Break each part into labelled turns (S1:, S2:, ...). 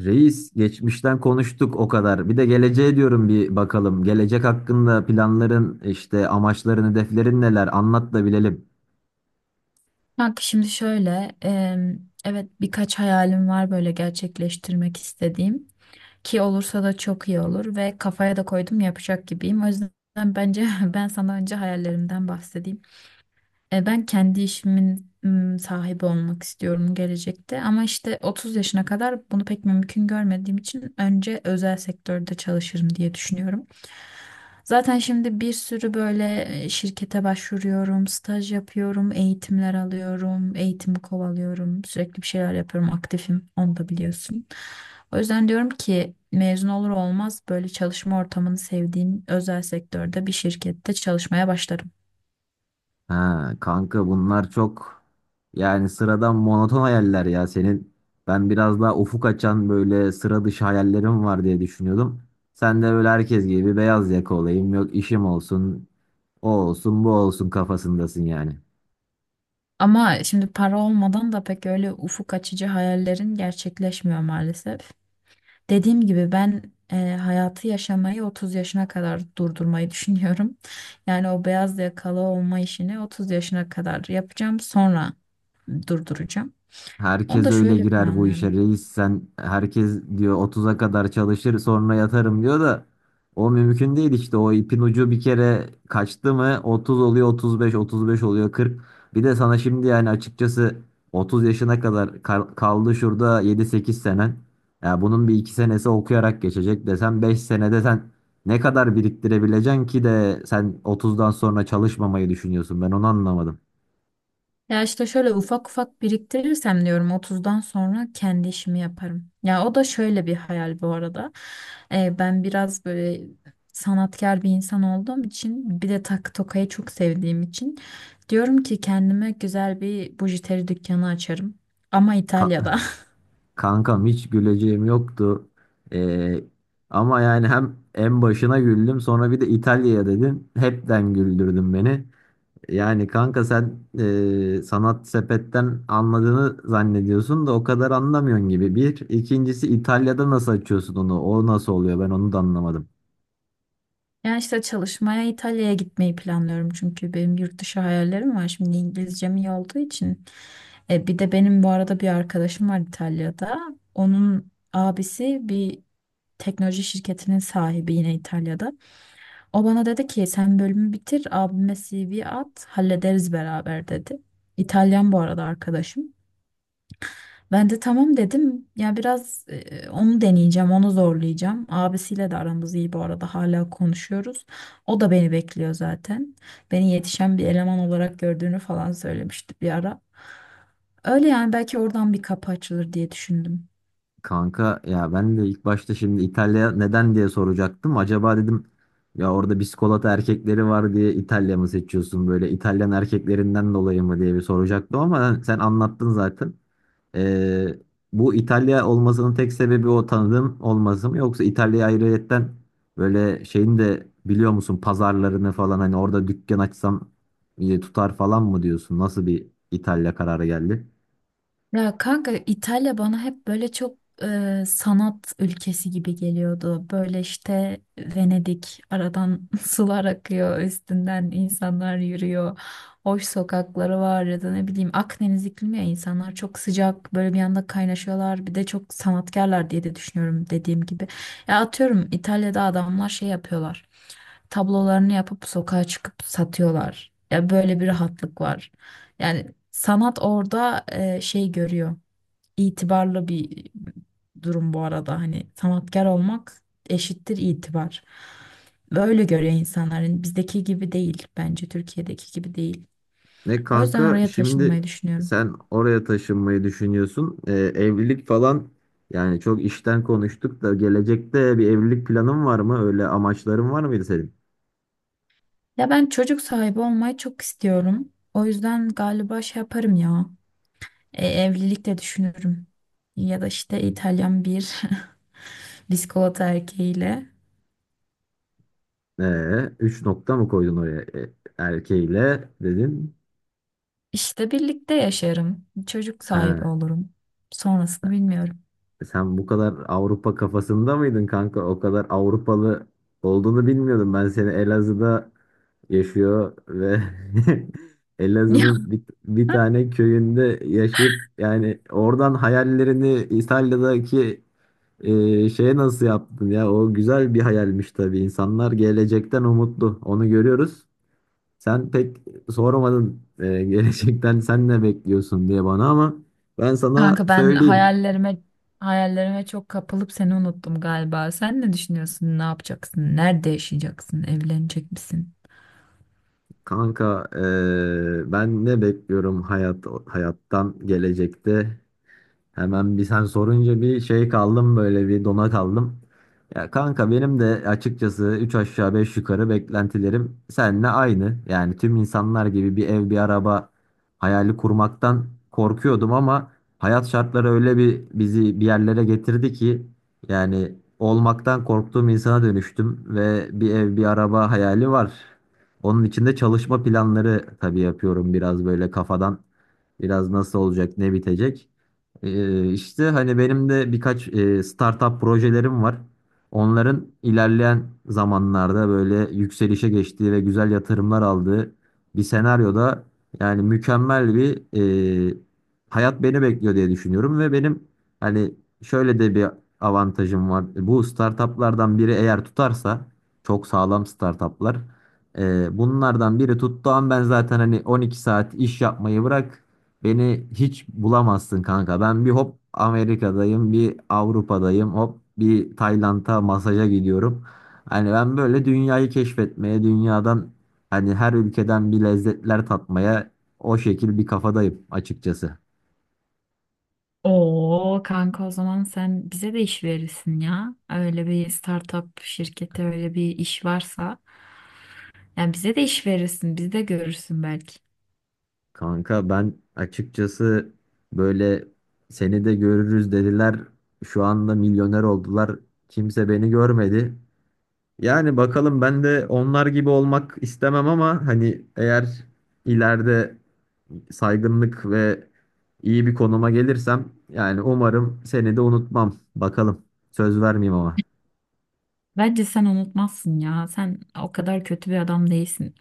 S1: Reis, geçmişten konuştuk o kadar. Bir de geleceğe diyorum bir bakalım. Gelecek hakkında planların, işte amaçların, hedeflerin neler? Anlat da bilelim.
S2: Kanka şimdi şöyle, evet birkaç hayalim var böyle gerçekleştirmek istediğim ki olursa da çok iyi olur ve kafaya da koydum yapacak gibiyim. O yüzden bence ben sana önce hayallerimden bahsedeyim. Ben kendi işimin sahibi olmak istiyorum gelecekte ama işte 30 yaşına kadar bunu pek mümkün görmediğim için önce özel sektörde çalışırım diye düşünüyorum. Zaten şimdi bir sürü böyle şirkete başvuruyorum, staj yapıyorum, eğitimler alıyorum, eğitimi kovalıyorum, sürekli bir şeyler yapıyorum, aktifim, onu da biliyorsun. O yüzden diyorum ki mezun olur olmaz böyle çalışma ortamını sevdiğim özel sektörde bir şirkette çalışmaya başlarım.
S1: Ha kanka, bunlar çok yani sıradan monoton hayaller ya senin. Ben biraz daha ufuk açan böyle sıra dışı hayallerim var diye düşünüyordum. Sen de böyle herkes gibi beyaz yaka olayım, yok işim olsun, o olsun, bu olsun kafasındasın yani.
S2: Ama şimdi para olmadan da pek öyle ufuk açıcı hayallerin gerçekleşmiyor maalesef. Dediğim gibi ben hayatı yaşamayı 30 yaşına kadar durdurmayı düşünüyorum. Yani o beyaz yakalı olma işini 30 yaşına kadar yapacağım, sonra durduracağım. Onu
S1: Herkes
S2: da
S1: öyle
S2: şöyle
S1: girer bu işe
S2: planlıyorum.
S1: reis, sen herkes diyor otuz'a kadar çalışır sonra yatarım diyor da o mümkün değil işte. O ipin ucu bir kere kaçtı mı otuz oluyor otuz beş, otuz beş oluyor 40. Bir de sana şimdi yani açıkçası 30 yaşına kadar kaldı şurada yedi sekiz senen. Ya bunun bir iki senesi okuyarak geçecek desem 5 senede sen ne kadar biriktirebileceksin ki de sen otuzdan sonra çalışmamayı düşünüyorsun, ben onu anlamadım.
S2: Ya işte şöyle ufak ufak biriktirirsem diyorum 30'dan sonra kendi işimi yaparım. Ya o da şöyle bir hayal bu arada. Ben biraz böyle sanatkar bir insan olduğum için bir de takı tokayı çok sevdiğim için diyorum ki kendime güzel bir bujiteri dükkanı açarım. Ama İtalya'da.
S1: Kankam hiç güleceğim yoktu. Ee, Ama yani hem en başına güldüm, sonra bir de İtalya'ya dedin. Hepten güldürdün beni. Yani kanka sen sanat sepetten anladığını zannediyorsun da o kadar anlamıyorsun gibi. Bir. İkincisi, İtalya'da nasıl açıyorsun onu? O nasıl oluyor? Ben onu da anlamadım.
S2: Ya işte çalışmaya İtalya'ya gitmeyi planlıyorum çünkü benim yurt dışı hayallerim var. Şimdi İngilizcem iyi olduğu için. Bir de benim bu arada bir arkadaşım var İtalya'da. Onun abisi bir teknoloji şirketinin sahibi, yine İtalya'da. O bana dedi ki sen bölümü bitir, abime CV at, hallederiz beraber dedi. İtalyan bu arada arkadaşım. Ben de tamam dedim. Ya biraz onu deneyeceğim, onu zorlayacağım. Abisiyle de aramız iyi bu arada, hala konuşuyoruz. O da beni bekliyor zaten. Beni yetişen bir eleman olarak gördüğünü falan söylemişti bir ara. Öyle yani, belki oradan bir kapı açılır diye düşündüm.
S1: Kanka ya, ben de ilk başta şimdi İtalya neden diye soracaktım. Acaba dedim ya orada biskolata erkekleri var diye İtalya mı seçiyorsun, böyle İtalyan erkeklerinden dolayı mı diye bir soracaktım ama sen anlattın zaten. Ee, Bu İtalya olmasının tek sebebi o tanıdığım olması mı, yoksa İtalya'ya ayrıyetten böyle şeyin de biliyor musun pazarlarını falan, hani orada dükkan açsam iyi tutar falan mı diyorsun? Nasıl bir İtalya kararı geldi?
S2: Ya kanka, İtalya bana hep böyle çok sanat ülkesi gibi geliyordu. Böyle işte Venedik, aradan sular akıyor, üstünden insanlar yürüyor. Hoş sokakları var ya da ne bileyim Akdeniz iklimi, ya insanlar çok sıcak, böyle bir anda kaynaşıyorlar. Bir de çok sanatkarlar diye de düşünüyorum, dediğim gibi. Ya atıyorum İtalya'da adamlar şey yapıyorlar. Tablolarını yapıp sokağa çıkıp satıyorlar. Ya böyle bir rahatlık var. Yani sanat orada şey görüyor. İtibarlı bir durum bu arada. Hani sanatkar olmak eşittir itibar. Böyle görüyor insanların. Bizdeki gibi değil, bence Türkiye'deki gibi değil.
S1: Ne
S2: O yüzden
S1: kanka
S2: oraya
S1: şimdi,
S2: taşınmayı düşünüyorum.
S1: sen oraya taşınmayı düşünüyorsun. Evlilik falan, yani çok işten konuştuk da gelecekte bir evlilik planın var mı? Öyle amaçların var mıydı senin?
S2: Ya ben çocuk sahibi olmayı çok istiyorum. O yüzden galiba şey yaparım ya. Evlilik de düşünürüm. Ya da işte İtalyan bir bisikolata erkeğiyle.
S1: Üç nokta mı koydun oraya? Erkeğiyle dedin.
S2: İşte birlikte yaşarım. Çocuk sahibi
S1: Ha,
S2: olurum. Sonrasını bilmiyorum.
S1: sen bu kadar Avrupa kafasında mıydın kanka? O kadar Avrupalı olduğunu bilmiyordum. Ben seni Elazığ'da yaşıyor ve
S2: Ya
S1: Elazığ'ın bir tane köyünde yaşayıp yani oradan hayallerini İtalya'daki şeye nasıl yaptın ya? O güzel bir hayalmiş tabii. İnsanlar gelecekten umutlu, onu görüyoruz. Sen pek sormadın gelecekten sen ne bekliyorsun diye bana, ama ben sana
S2: kanka, ben
S1: söyleyeyim.
S2: hayallerime çok kapılıp seni unuttum galiba. Sen ne düşünüyorsun? Ne yapacaksın? Nerede yaşayacaksın? Evlenecek misin?
S1: Kanka ben ne bekliyorum hayattan gelecekte? Hemen bir sen sorunca bir şey kaldım, böyle bir dona kaldım. Ya kanka benim de açıkçası 3 aşağı 5 yukarı beklentilerim seninle aynı. Yani tüm insanlar gibi bir ev bir araba hayali kurmaktan korkuyordum ama hayat şartları öyle bir bizi bir yerlere getirdi ki yani olmaktan korktuğum insana dönüştüm ve bir ev bir araba hayali var. Onun için de çalışma planları tabii yapıyorum, biraz böyle kafadan, biraz nasıl olacak ne bitecek. İşte hani benim de birkaç startup projelerim var. Onların ilerleyen zamanlarda böyle yükselişe geçtiği ve güzel yatırımlar aldığı bir senaryoda yani mükemmel bir e, hayat beni bekliyor diye düşünüyorum ve benim hani şöyle de bir avantajım var. Bu startuplardan biri eğer tutarsa, çok sağlam startuplar. Bunlardan biri tuttuğum ben zaten hani 12 saat iş yapmayı bırak, beni hiç bulamazsın kanka. Ben bir hop Amerika'dayım, bir Avrupa'dayım, hop bir Tayland'a masaja gidiyorum. Hani ben böyle dünyayı keşfetmeye, dünyadan hani her ülkeden bir lezzetler tatmaya, o şekil bir kafadayım açıkçası.
S2: Oo kanka, o zaman sen bize de iş verirsin ya. Öyle bir startup şirketi, öyle bir iş varsa. Yani bize de iş verirsin. Bizi de görürsün belki.
S1: Kanka ben açıkçası böyle seni de görürüz dediler. Şu anda milyoner oldular, kimse beni görmedi. Yani bakalım, ben de onlar gibi olmak istemem ama hani eğer ileride saygınlık ve iyi bir konuma gelirsem yani umarım seni de unutmam. Bakalım, söz vermeyeyim ama.
S2: Bence sen unutmazsın ya. Sen o kadar kötü bir adam değilsin.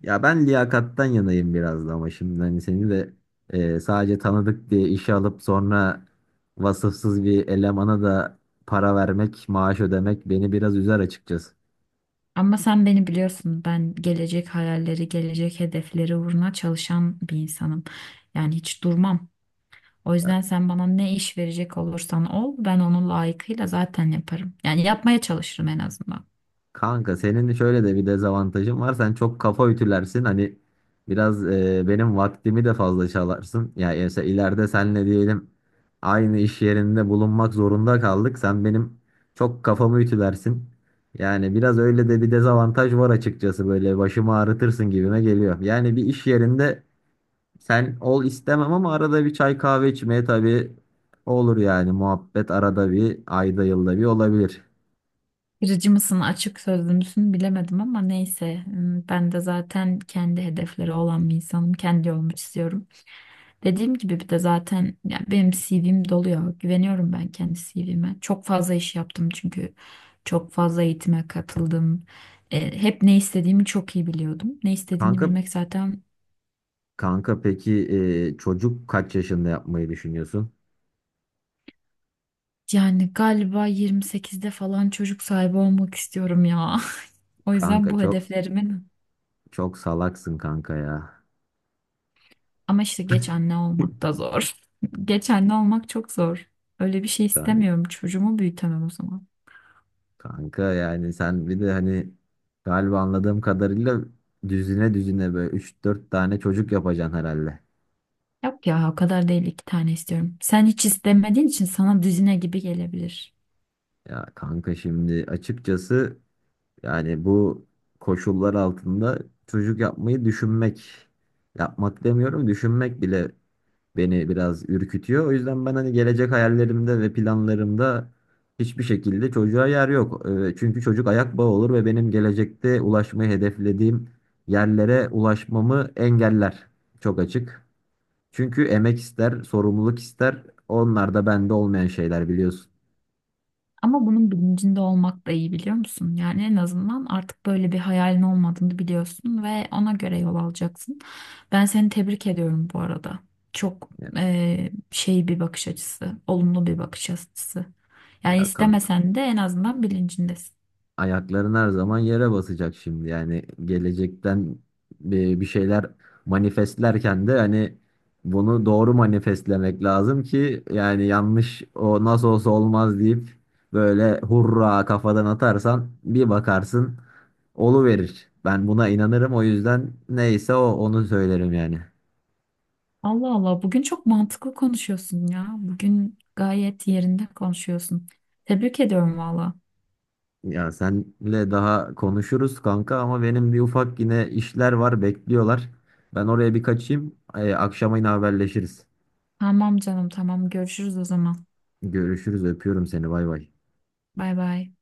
S1: Ya ben liyakattan yanayım biraz da, ama şimdi hani seni de sadece tanıdık diye işe alıp sonra vasıfsız bir elemana da para vermek, maaş ödemek beni biraz üzer açıkçası.
S2: Ama sen beni biliyorsun. Ben gelecek hayalleri, gelecek hedefleri uğruna çalışan bir insanım. Yani hiç durmam. O yüzden sen bana ne iş verecek olursan ol, ben onu layıkıyla zaten yaparım. Yani yapmaya çalışırım en azından.
S1: Kanka senin şöyle de bir dezavantajın var. Sen çok kafa ütülersin. Hani biraz benim vaktimi de fazla çalarsın. Ya yani mesela ileride senle diyelim aynı iş yerinde bulunmak zorunda kaldık, sen benim çok kafamı ütülersin. Yani biraz öyle de bir dezavantaj var açıkçası. Böyle başımı ağrıtırsın gibime geliyor. Yani bir iş yerinde sen ol istemem, ama arada bir çay kahve içmeye tabii olur yani. Muhabbet arada bir, ayda yılda bir olabilir.
S2: Kırıcı mısın, açık sözlü müsün bilemedim ama neyse. Hmm, ben de zaten kendi hedefleri olan bir insanım. Kendi yolumu çiziyorum. Dediğim gibi bir de zaten ya benim CV'm dolu ya. Güveniyorum ben kendi CV'me. Çok fazla iş yaptım çünkü çok fazla eğitime katıldım. Hep ne istediğimi çok iyi biliyordum. Ne istediğini
S1: Kanka
S2: bilmek zaten
S1: Kanka peki, çocuk kaç yaşında yapmayı düşünüyorsun?
S2: yani galiba 28'de falan çocuk sahibi olmak istiyorum ya. O yüzden
S1: Kanka
S2: bu
S1: çok
S2: hedeflerimin
S1: Çok salaksın kanka ya.
S2: ama işte geç anne olmak da zor. Geç anne olmak çok zor. Öyle bir şey
S1: Kan-
S2: istemiyorum. Çocuğumu büyütemem o zaman.
S1: Kanka yani sen bir de hani galiba anladığım kadarıyla düzine düzine böyle üç dört tane çocuk yapacaksın herhalde.
S2: Yok ya o kadar değil, iki tane istiyorum. Sen hiç istemediğin için sana düzine gibi gelebilir.
S1: Ya kanka şimdi açıkçası yani bu koşullar altında çocuk yapmayı düşünmek, yapmak demiyorum düşünmek bile beni biraz ürkütüyor. O yüzden ben hani gelecek hayallerimde ve planlarımda hiçbir şekilde çocuğa yer yok. Çünkü çocuk ayak bağı olur ve benim gelecekte ulaşmayı hedeflediğim yerlere ulaşmamı engeller. Çok açık. Çünkü emek ister, sorumluluk ister. Onlar da bende olmayan şeyler, biliyorsun.
S2: Ama bunun bilincinde olmak da iyi, biliyor musun? Yani en azından artık böyle bir hayalin olmadığını biliyorsun ve ona göre yol alacaksın. Ben seni tebrik ediyorum bu arada. Çok
S1: Ya,
S2: şey bir bakış açısı, olumlu bir bakış açısı. Yani
S1: ya kanka.
S2: istemesen de en azından bilincindesin.
S1: Ayakların her zaman yere basacak şimdi. Yani gelecekten bir şeyler manifestlerken de hani bunu doğru manifestlemek lazım ki, yani yanlış o nasıl olsa olmaz deyip böyle hurra kafadan atarsan bir bakarsın verir. Ben buna inanırım, o yüzden neyse o, onu söylerim yani.
S2: Allah Allah, bugün çok mantıklı konuşuyorsun ya. Bugün gayet yerinde konuşuyorsun. Tebrik ediyorum valla.
S1: Ya senle daha konuşuruz kanka, ama benim bir ufak yine işler var bekliyorlar. Ben oraya bir kaçayım. Akşama yine haberleşiriz.
S2: Tamam canım, tamam, görüşürüz o zaman.
S1: Görüşürüz. Öpüyorum seni. Bay bay.
S2: Bay bay.